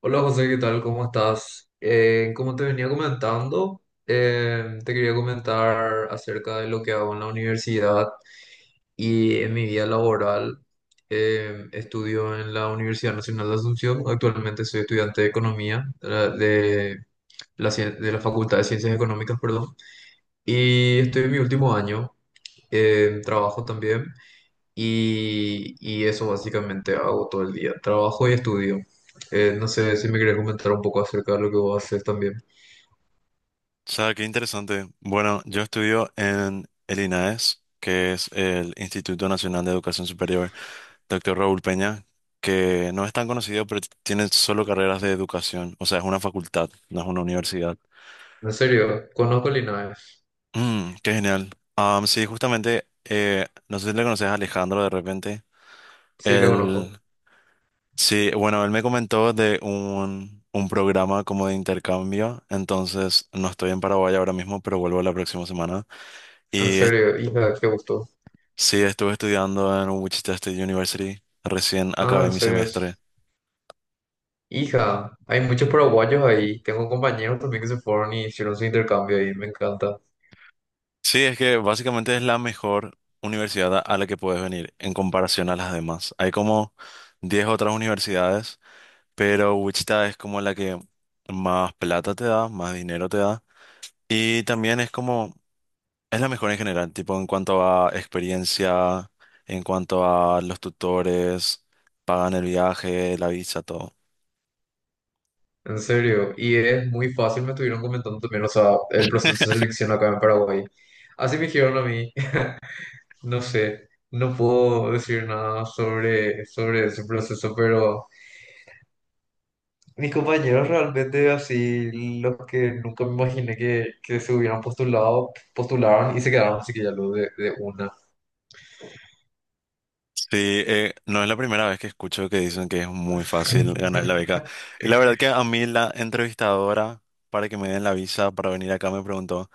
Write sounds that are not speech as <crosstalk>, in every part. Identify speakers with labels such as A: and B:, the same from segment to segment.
A: Hola José, ¿qué tal? ¿Cómo estás? Como te venía comentando, te quería comentar acerca de lo que hago en la universidad y en mi vida laboral. Estudio en la Universidad Nacional de Asunción. Actualmente soy estudiante de Economía de de la Facultad de Ciencias Económicas, perdón. Y estoy en mi último año. Trabajo también. Y eso básicamente hago todo el día, trabajo y estudio. No sé si me querés comentar un poco acerca de lo que vos haces también.
B: O sea, qué interesante. Bueno, yo estudio en el INAES, que es el Instituto Nacional de Educación Superior, Doctor Raúl Peña, que no es tan conocido, pero tiene solo carreras de educación. O sea, es una facultad, no es una universidad.
A: En serio, conozco a Linares.
B: Mm, qué genial. Sí, justamente, no sé si le conoces a Alejandro de repente.
A: Sí, le conozco.
B: Él, sí, bueno, él me comentó de un programa como de intercambio. Entonces, no estoy en Paraguay ahora mismo, pero vuelvo la próxima semana.
A: En
B: Y
A: serio, hija, qué gusto.
B: Sí, estuve estudiando en Wichita State University. Recién
A: Ah,
B: acabé
A: en
B: mi
A: serio.
B: semestre.
A: Hija, hay muchos paraguayos ahí. Tengo compañeros también que se fueron y hicieron su intercambio ahí, me encanta.
B: Sí, es que básicamente es la mejor universidad a la que puedes venir en comparación a las demás. Hay como 10 otras universidades, pero Wichita es como la que más plata te da, más dinero te da. Y también es como, es la mejor en general, tipo en cuanto a experiencia, en cuanto a los tutores, pagan el viaje, la visa, todo.
A: En serio, y es muy fácil, me estuvieron comentando también, o sea, el proceso de selección acá en Paraguay. Así me dijeron a mí. No sé, no puedo decir nada sobre ese proceso, pero mis compañeros realmente así, los que nunca me imaginé que se hubieran postulado, postularon y se quedaron así que ya lo de una.
B: Sí, no es la primera vez que escucho que dicen que es muy fácil ganar la
A: <laughs>
B: beca. Y la verdad que a mí la entrevistadora para que me den la visa para venir acá me preguntó,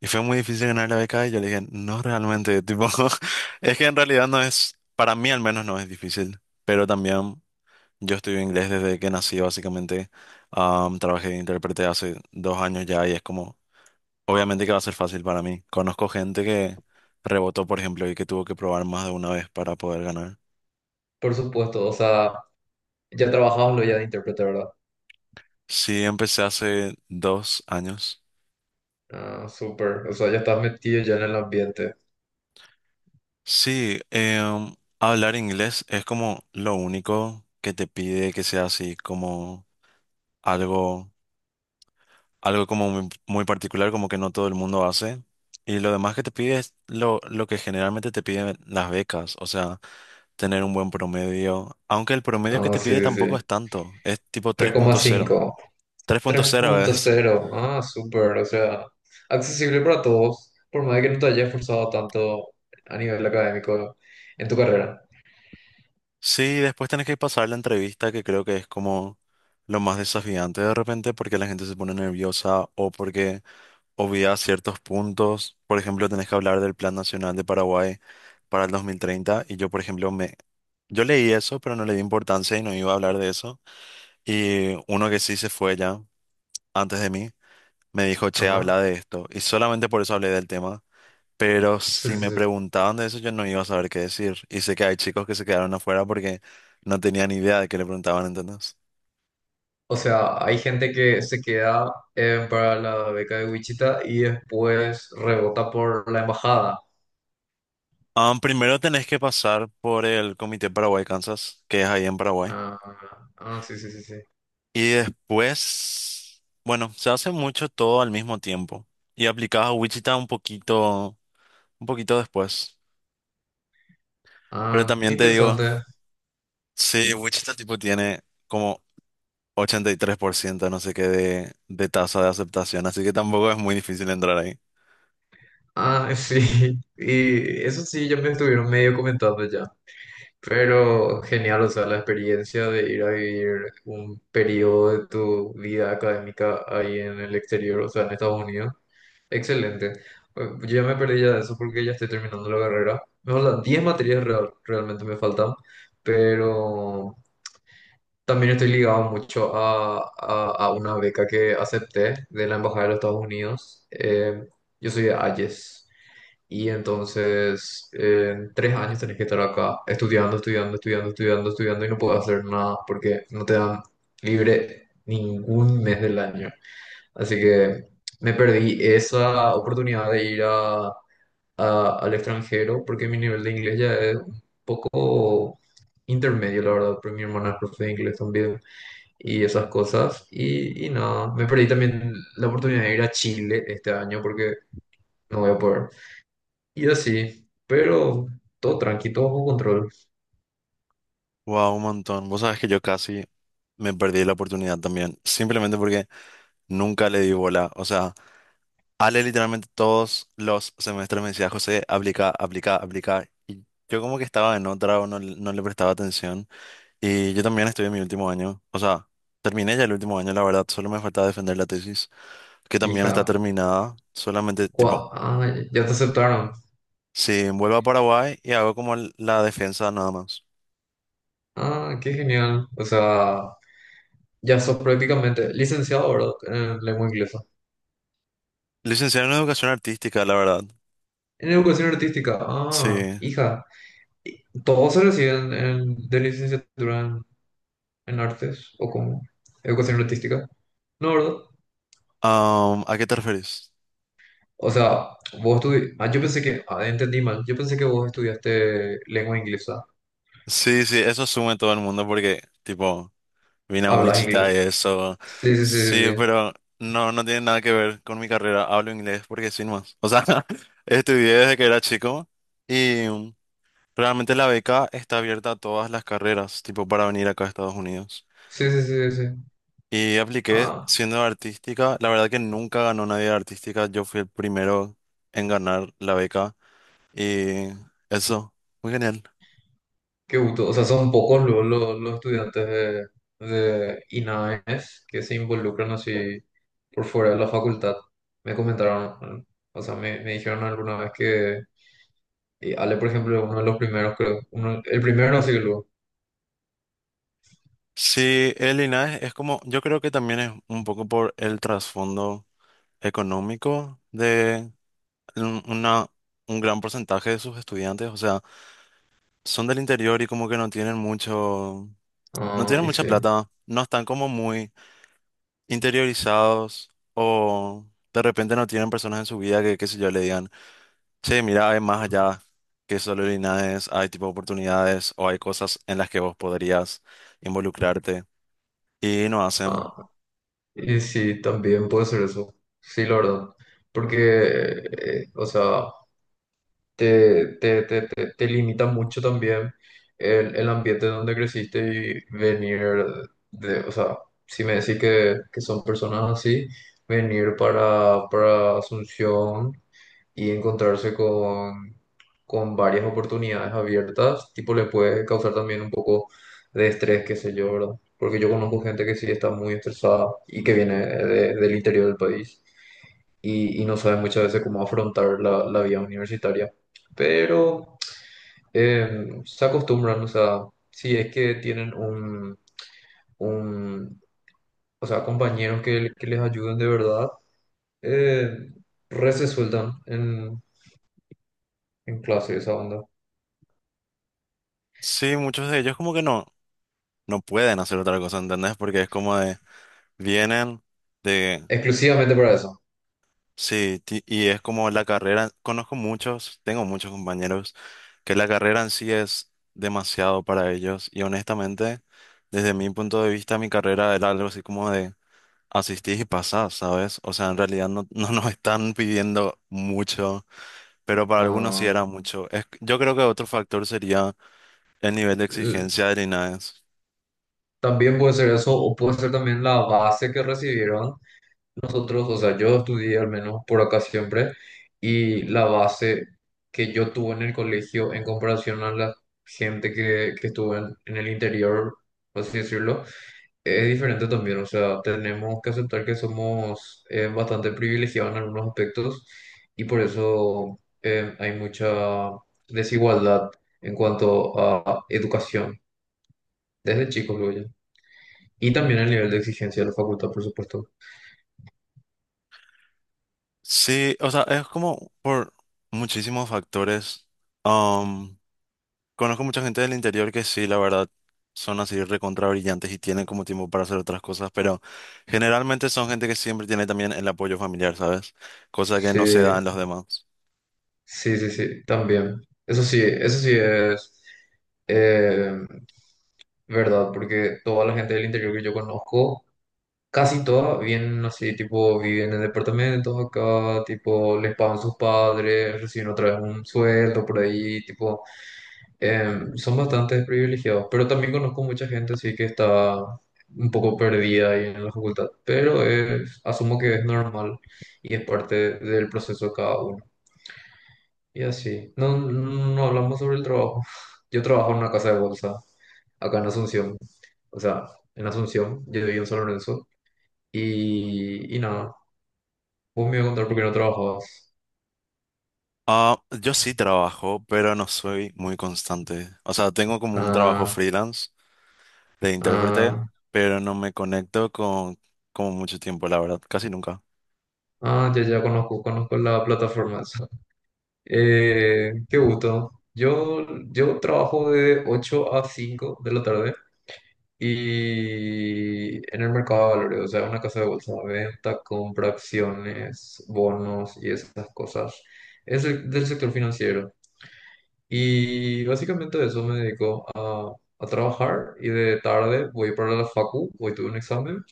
B: ¿y fue muy difícil ganar la beca? Y yo le dije, no realmente, tipo, <laughs> es que en realidad no es, para mí al menos no es difícil, pero también yo estudio inglés desde que nací básicamente. Trabajé de intérprete hace 2 años ya y es como, obviamente que va a ser fácil para mí. Conozco gente que rebotó, por ejemplo, y que tuvo que probar más de una vez para poder ganar.
A: Por supuesto, o sea, ya trabajabas lo ya de intérprete, ¿verdad?
B: Sí, empecé hace 2 años.
A: Ah, súper. O sea, ya estás metido ya en el ambiente.
B: Sí, hablar inglés es como lo único que te pide que sea así como algo, algo como muy, muy particular, como que no todo el mundo hace. Y lo demás que te pide es lo que generalmente te piden las becas, o sea, tener un buen promedio, aunque el promedio que
A: Ah,
B: te
A: sí,
B: pide
A: sí, sí.
B: tampoco
A: Tres
B: es tanto, es tipo
A: coma cinco
B: 3.0,
A: tres
B: 3.0
A: punto
B: es.
A: cero. Ah, súper. O sea, accesible para todos, por más de que no te hayas esforzado tanto a nivel académico en tu carrera.
B: Sí, después tenés que pasar la entrevista, que creo que es como lo más desafiante de repente, porque la gente se pone nerviosa o porque obvia ciertos puntos. Por ejemplo, tenés que hablar del Plan Nacional de Paraguay para el 2030 y yo, por ejemplo, me... Yo leí eso, pero no le di importancia y no iba a hablar de eso. Y uno que sí se fue ya antes de mí me dijo, che,
A: Ajá.
B: habla de esto. Y solamente por eso hablé del tema. Pero
A: Sí,
B: si
A: sí,
B: me
A: sí.
B: preguntaban de eso, yo no iba a saber qué decir. Y sé que hay chicos que se quedaron afuera porque no tenían idea de qué le preguntaban, ¿entendés?
A: O sea, hay gente que se queda para la beca de Wichita y después rebota por la embajada.
B: Ah, primero tenés que pasar por el Comité Paraguay-Kansas, que es ahí en Paraguay.
A: Ah, ah, sí, sí, sí, sí.
B: Y después, bueno, se hace mucho todo al mismo tiempo. Y aplicás a Wichita un poquito después. Pero
A: Ah, qué
B: también te digo,
A: interesante.
B: sí, Wichita tipo tiene como 83%, no sé qué, de tasa de aceptación. Así que tampoco es muy difícil entrar.
A: Ah, <laughs> sí. Y eso sí, ya me estuvieron medio comentando ya. Pero genial, o sea, la experiencia de ir a vivir un periodo de tu vida académica ahí en el exterior, o sea, en Estados Unidos. Excelente. Yo ya me perdí ya de eso porque ya estoy terminando la carrera. Me faltan 10 materias realmente me faltan, pero también estoy ligado mucho a una beca que acepté de la Embajada de los Estados Unidos. Yo soy de Hayes. Y entonces, en 3 años tenés que estar acá estudiando y no puedes hacer nada porque no te dan libre ningún mes del año. Así que me perdí esa oportunidad de al extranjero porque mi nivel de inglés ya es un poco intermedio, la verdad, porque mi hermana es profe de inglés también y esas cosas. Y nada, me perdí también la oportunidad de ir a Chile este año porque no voy a poder. Y así, pero todo tranqui, todo bajo control.
B: Wow, un montón. Vos sabés que yo casi me perdí la oportunidad también, simplemente porque nunca le di bola. O sea, Ale literalmente todos los semestres me decía, José, aplica, aplica, aplica. Y yo como que estaba en otra o no, no le prestaba atención. Y yo también estoy en mi último año. O sea, terminé ya el último año, la verdad. Solo me faltaba defender la tesis, que también está
A: Hija,
B: terminada. Solamente, tipo,
A: Ah, ya te aceptaron.
B: si vuelvo a Paraguay y hago como la defensa nada más.
A: Ah, qué genial. O sea, ya sos prácticamente licenciado, ¿verdad? En lengua inglesa.
B: Licenciado en Educación Artística, la verdad.
A: En educación artística. Ah,
B: Sí.
A: hija, ¿y ¿todos se reciben de licenciatura en artes o cómo? Educación artística. No, ¿verdad?
B: ¿A qué te refieres?
A: O sea, vos estudiaste. Ah, yo pensé que. Ah, entendí mal. Yo pensé que vos estudiaste lengua inglesa.
B: Sí, sí, eso asume todo el mundo porque, tipo, vine a
A: Hablas
B: Wichita y
A: inglés.
B: eso.
A: Sí, sí, sí,
B: Sí,
A: sí. Sí.
B: pero no, no tiene nada que ver con mi carrera. Hablo inglés porque sin más. O sea, <laughs> estudié desde que era chico y realmente la beca está abierta a todas las carreras, tipo, para venir acá a Estados Unidos.
A: Sí, sí, sí, sí.
B: Y apliqué
A: Ah,
B: siendo de artística. La verdad que nunca ganó nadie de artística. Yo fui el primero en ganar la beca y eso, muy genial.
A: qué gusto. O sea, son pocos luego los estudiantes de INAES que se involucran así por fuera de la facultad. Me comentaron, o sea, me dijeron alguna vez que y Ale, por ejemplo, uno de los primeros, creo. Uno, el primero no sé luego.
B: Sí, el linaje es como, yo creo que también es un poco por el trasfondo económico de un- una, un gran porcentaje de sus estudiantes, o sea, son del interior y como que no tienen mucho, no
A: Ah,
B: tienen
A: y
B: mucha
A: sí.
B: plata, no están como muy interiorizados o de repente no tienen personas en su vida que, qué sé yo, le digan, che, mira, hay más allá que solo el linaje, hay tipo oportunidades o hay cosas en las que vos podrías involucrarte y no hacen.
A: Ah, y sí, también puede ser eso. Sí, la verdad. Porque, o sea, te limita mucho también el ambiente donde creciste y venir de, o sea, si me decís que son personas así, venir para Asunción y encontrarse con varias oportunidades abiertas, tipo le puede causar también un poco de estrés, qué sé yo, ¿verdad? Porque yo conozco gente que sí está muy estresada y que viene del interior del país y no sabe muchas veces cómo afrontar la vida universitaria. Pero se acostumbran, o sea, si es que tienen un o sea, compañeros que les ayuden de verdad, eh, re se sueltan en clase esa onda.
B: Sí, muchos de ellos como que no, no pueden hacer otra cosa, ¿entendés? Porque es como de, vienen de,
A: Exclusivamente para eso.
B: sí, y es como la carrera, conozco muchos, tengo muchos compañeros, que la carrera en sí es demasiado para ellos. Y honestamente, desde mi punto de vista, mi carrera era algo así como de asistís y pasás, ¿sabes? O sea, en realidad no, <laughs> no nos están pidiendo mucho, pero para algunos sí
A: Ah,
B: era mucho. Yo creo que otro factor sería el nivel de
A: l-
B: exigencia del INAES.
A: también puede ser eso, o puede ser también la base que recibieron nosotros, o sea, yo estudié al menos por acá siempre, y la base que yo tuve en el colegio en comparación a la gente que estuvo en el interior, por así decirlo, es diferente también, o sea, tenemos que aceptar que somos bastante privilegiados en algunos aspectos, y por eso hay mucha desigualdad en cuanto a educación, desde chicos, luego ya. Y también el nivel de exigencia de la facultad, por supuesto.
B: Sí, o sea, es como por muchísimos factores. Am, conozco mucha gente del interior que sí, la verdad, son así recontra brillantes y tienen como tiempo para hacer otras cosas, pero generalmente son gente que siempre tiene también el apoyo familiar, ¿sabes? Cosa que
A: Sí,
B: no se da en los demás.
A: sí, sí, sí, también. Eso sí es, eh, ¿verdad? Porque toda la gente del interior que yo conozco, casi todas vienen así, tipo, viven en departamentos acá, tipo, les pagan sus padres, reciben otra vez un sueldo por ahí, tipo, son bastante privilegiados. Pero también conozco mucha gente así que está un poco perdida ahí en la facultad, pero asumo que es normal y es parte del proceso de cada uno. Y así, no, no hablamos sobre el trabajo. <laughs> Yo trabajo en una casa de bolsa, acá en Asunción. O sea, en Asunción, yo vivo en San Lorenzo. Y nada, vos me ibas a contar por qué no trabajabas.
B: Ah, yo sí trabajo, pero no soy muy constante. O sea, tengo como un trabajo
A: Ah,
B: freelance de intérprete,
A: ah,
B: pero no me conecto con como mucho tiempo, la verdad, casi nunca.
A: ah, ya conozco, conozco la plataforma esa. <laughs> Qué gusto. Yo trabajo de 8 a 5 de la tarde. Y en el mercado de valores, o sea, una casa de bolsa, venta, compra, acciones, bonos y esas cosas. Es del sector financiero. Y básicamente de eso me dedico a trabajar y de tarde voy para la facu, hoy tuve un examen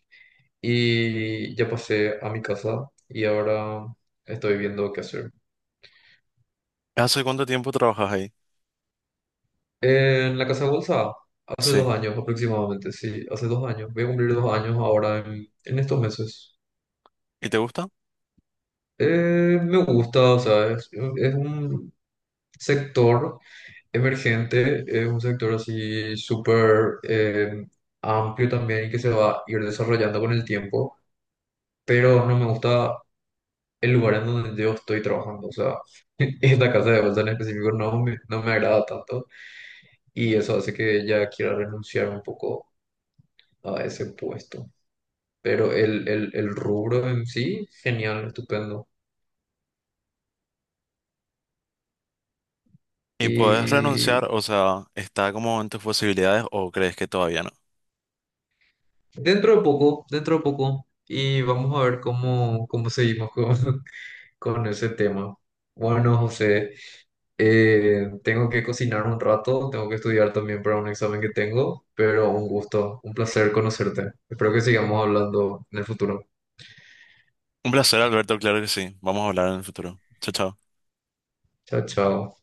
A: y ya pasé a mi casa y ahora estoy viendo qué hacer.
B: ¿Hace cuánto tiempo trabajas ahí?
A: En la casa de bolsa, hace dos
B: Sí.
A: años aproximadamente, sí, hace 2 años. Voy a cumplir 2 años ahora en estos meses.
B: ¿Y te gusta?
A: Me gusta, o sea, es un sector emergente, es un sector así súper amplio también y que se va a ir desarrollando con el tiempo, pero no me gusta el lugar en donde yo estoy trabajando, o sea, <laughs> esta casa de bolsa en específico no me agrada tanto y eso hace que ya quiera renunciar un poco a ese puesto, pero el rubro en sí, genial, estupendo.
B: ¿Y puedes renunciar? O sea, ¿está como en tus posibilidades o crees que todavía no?
A: Dentro de poco, dentro de poco. Y vamos a ver cómo, cómo seguimos con, <laughs> con ese tema. Bueno, José, tengo que cocinar un rato, tengo que estudiar también para un examen que tengo, pero un gusto, un placer conocerte. Espero que sigamos hablando en el futuro.
B: Un placer, Alberto, claro que sí. Vamos a hablar en el futuro. Chao, chao.
A: Chao, chao.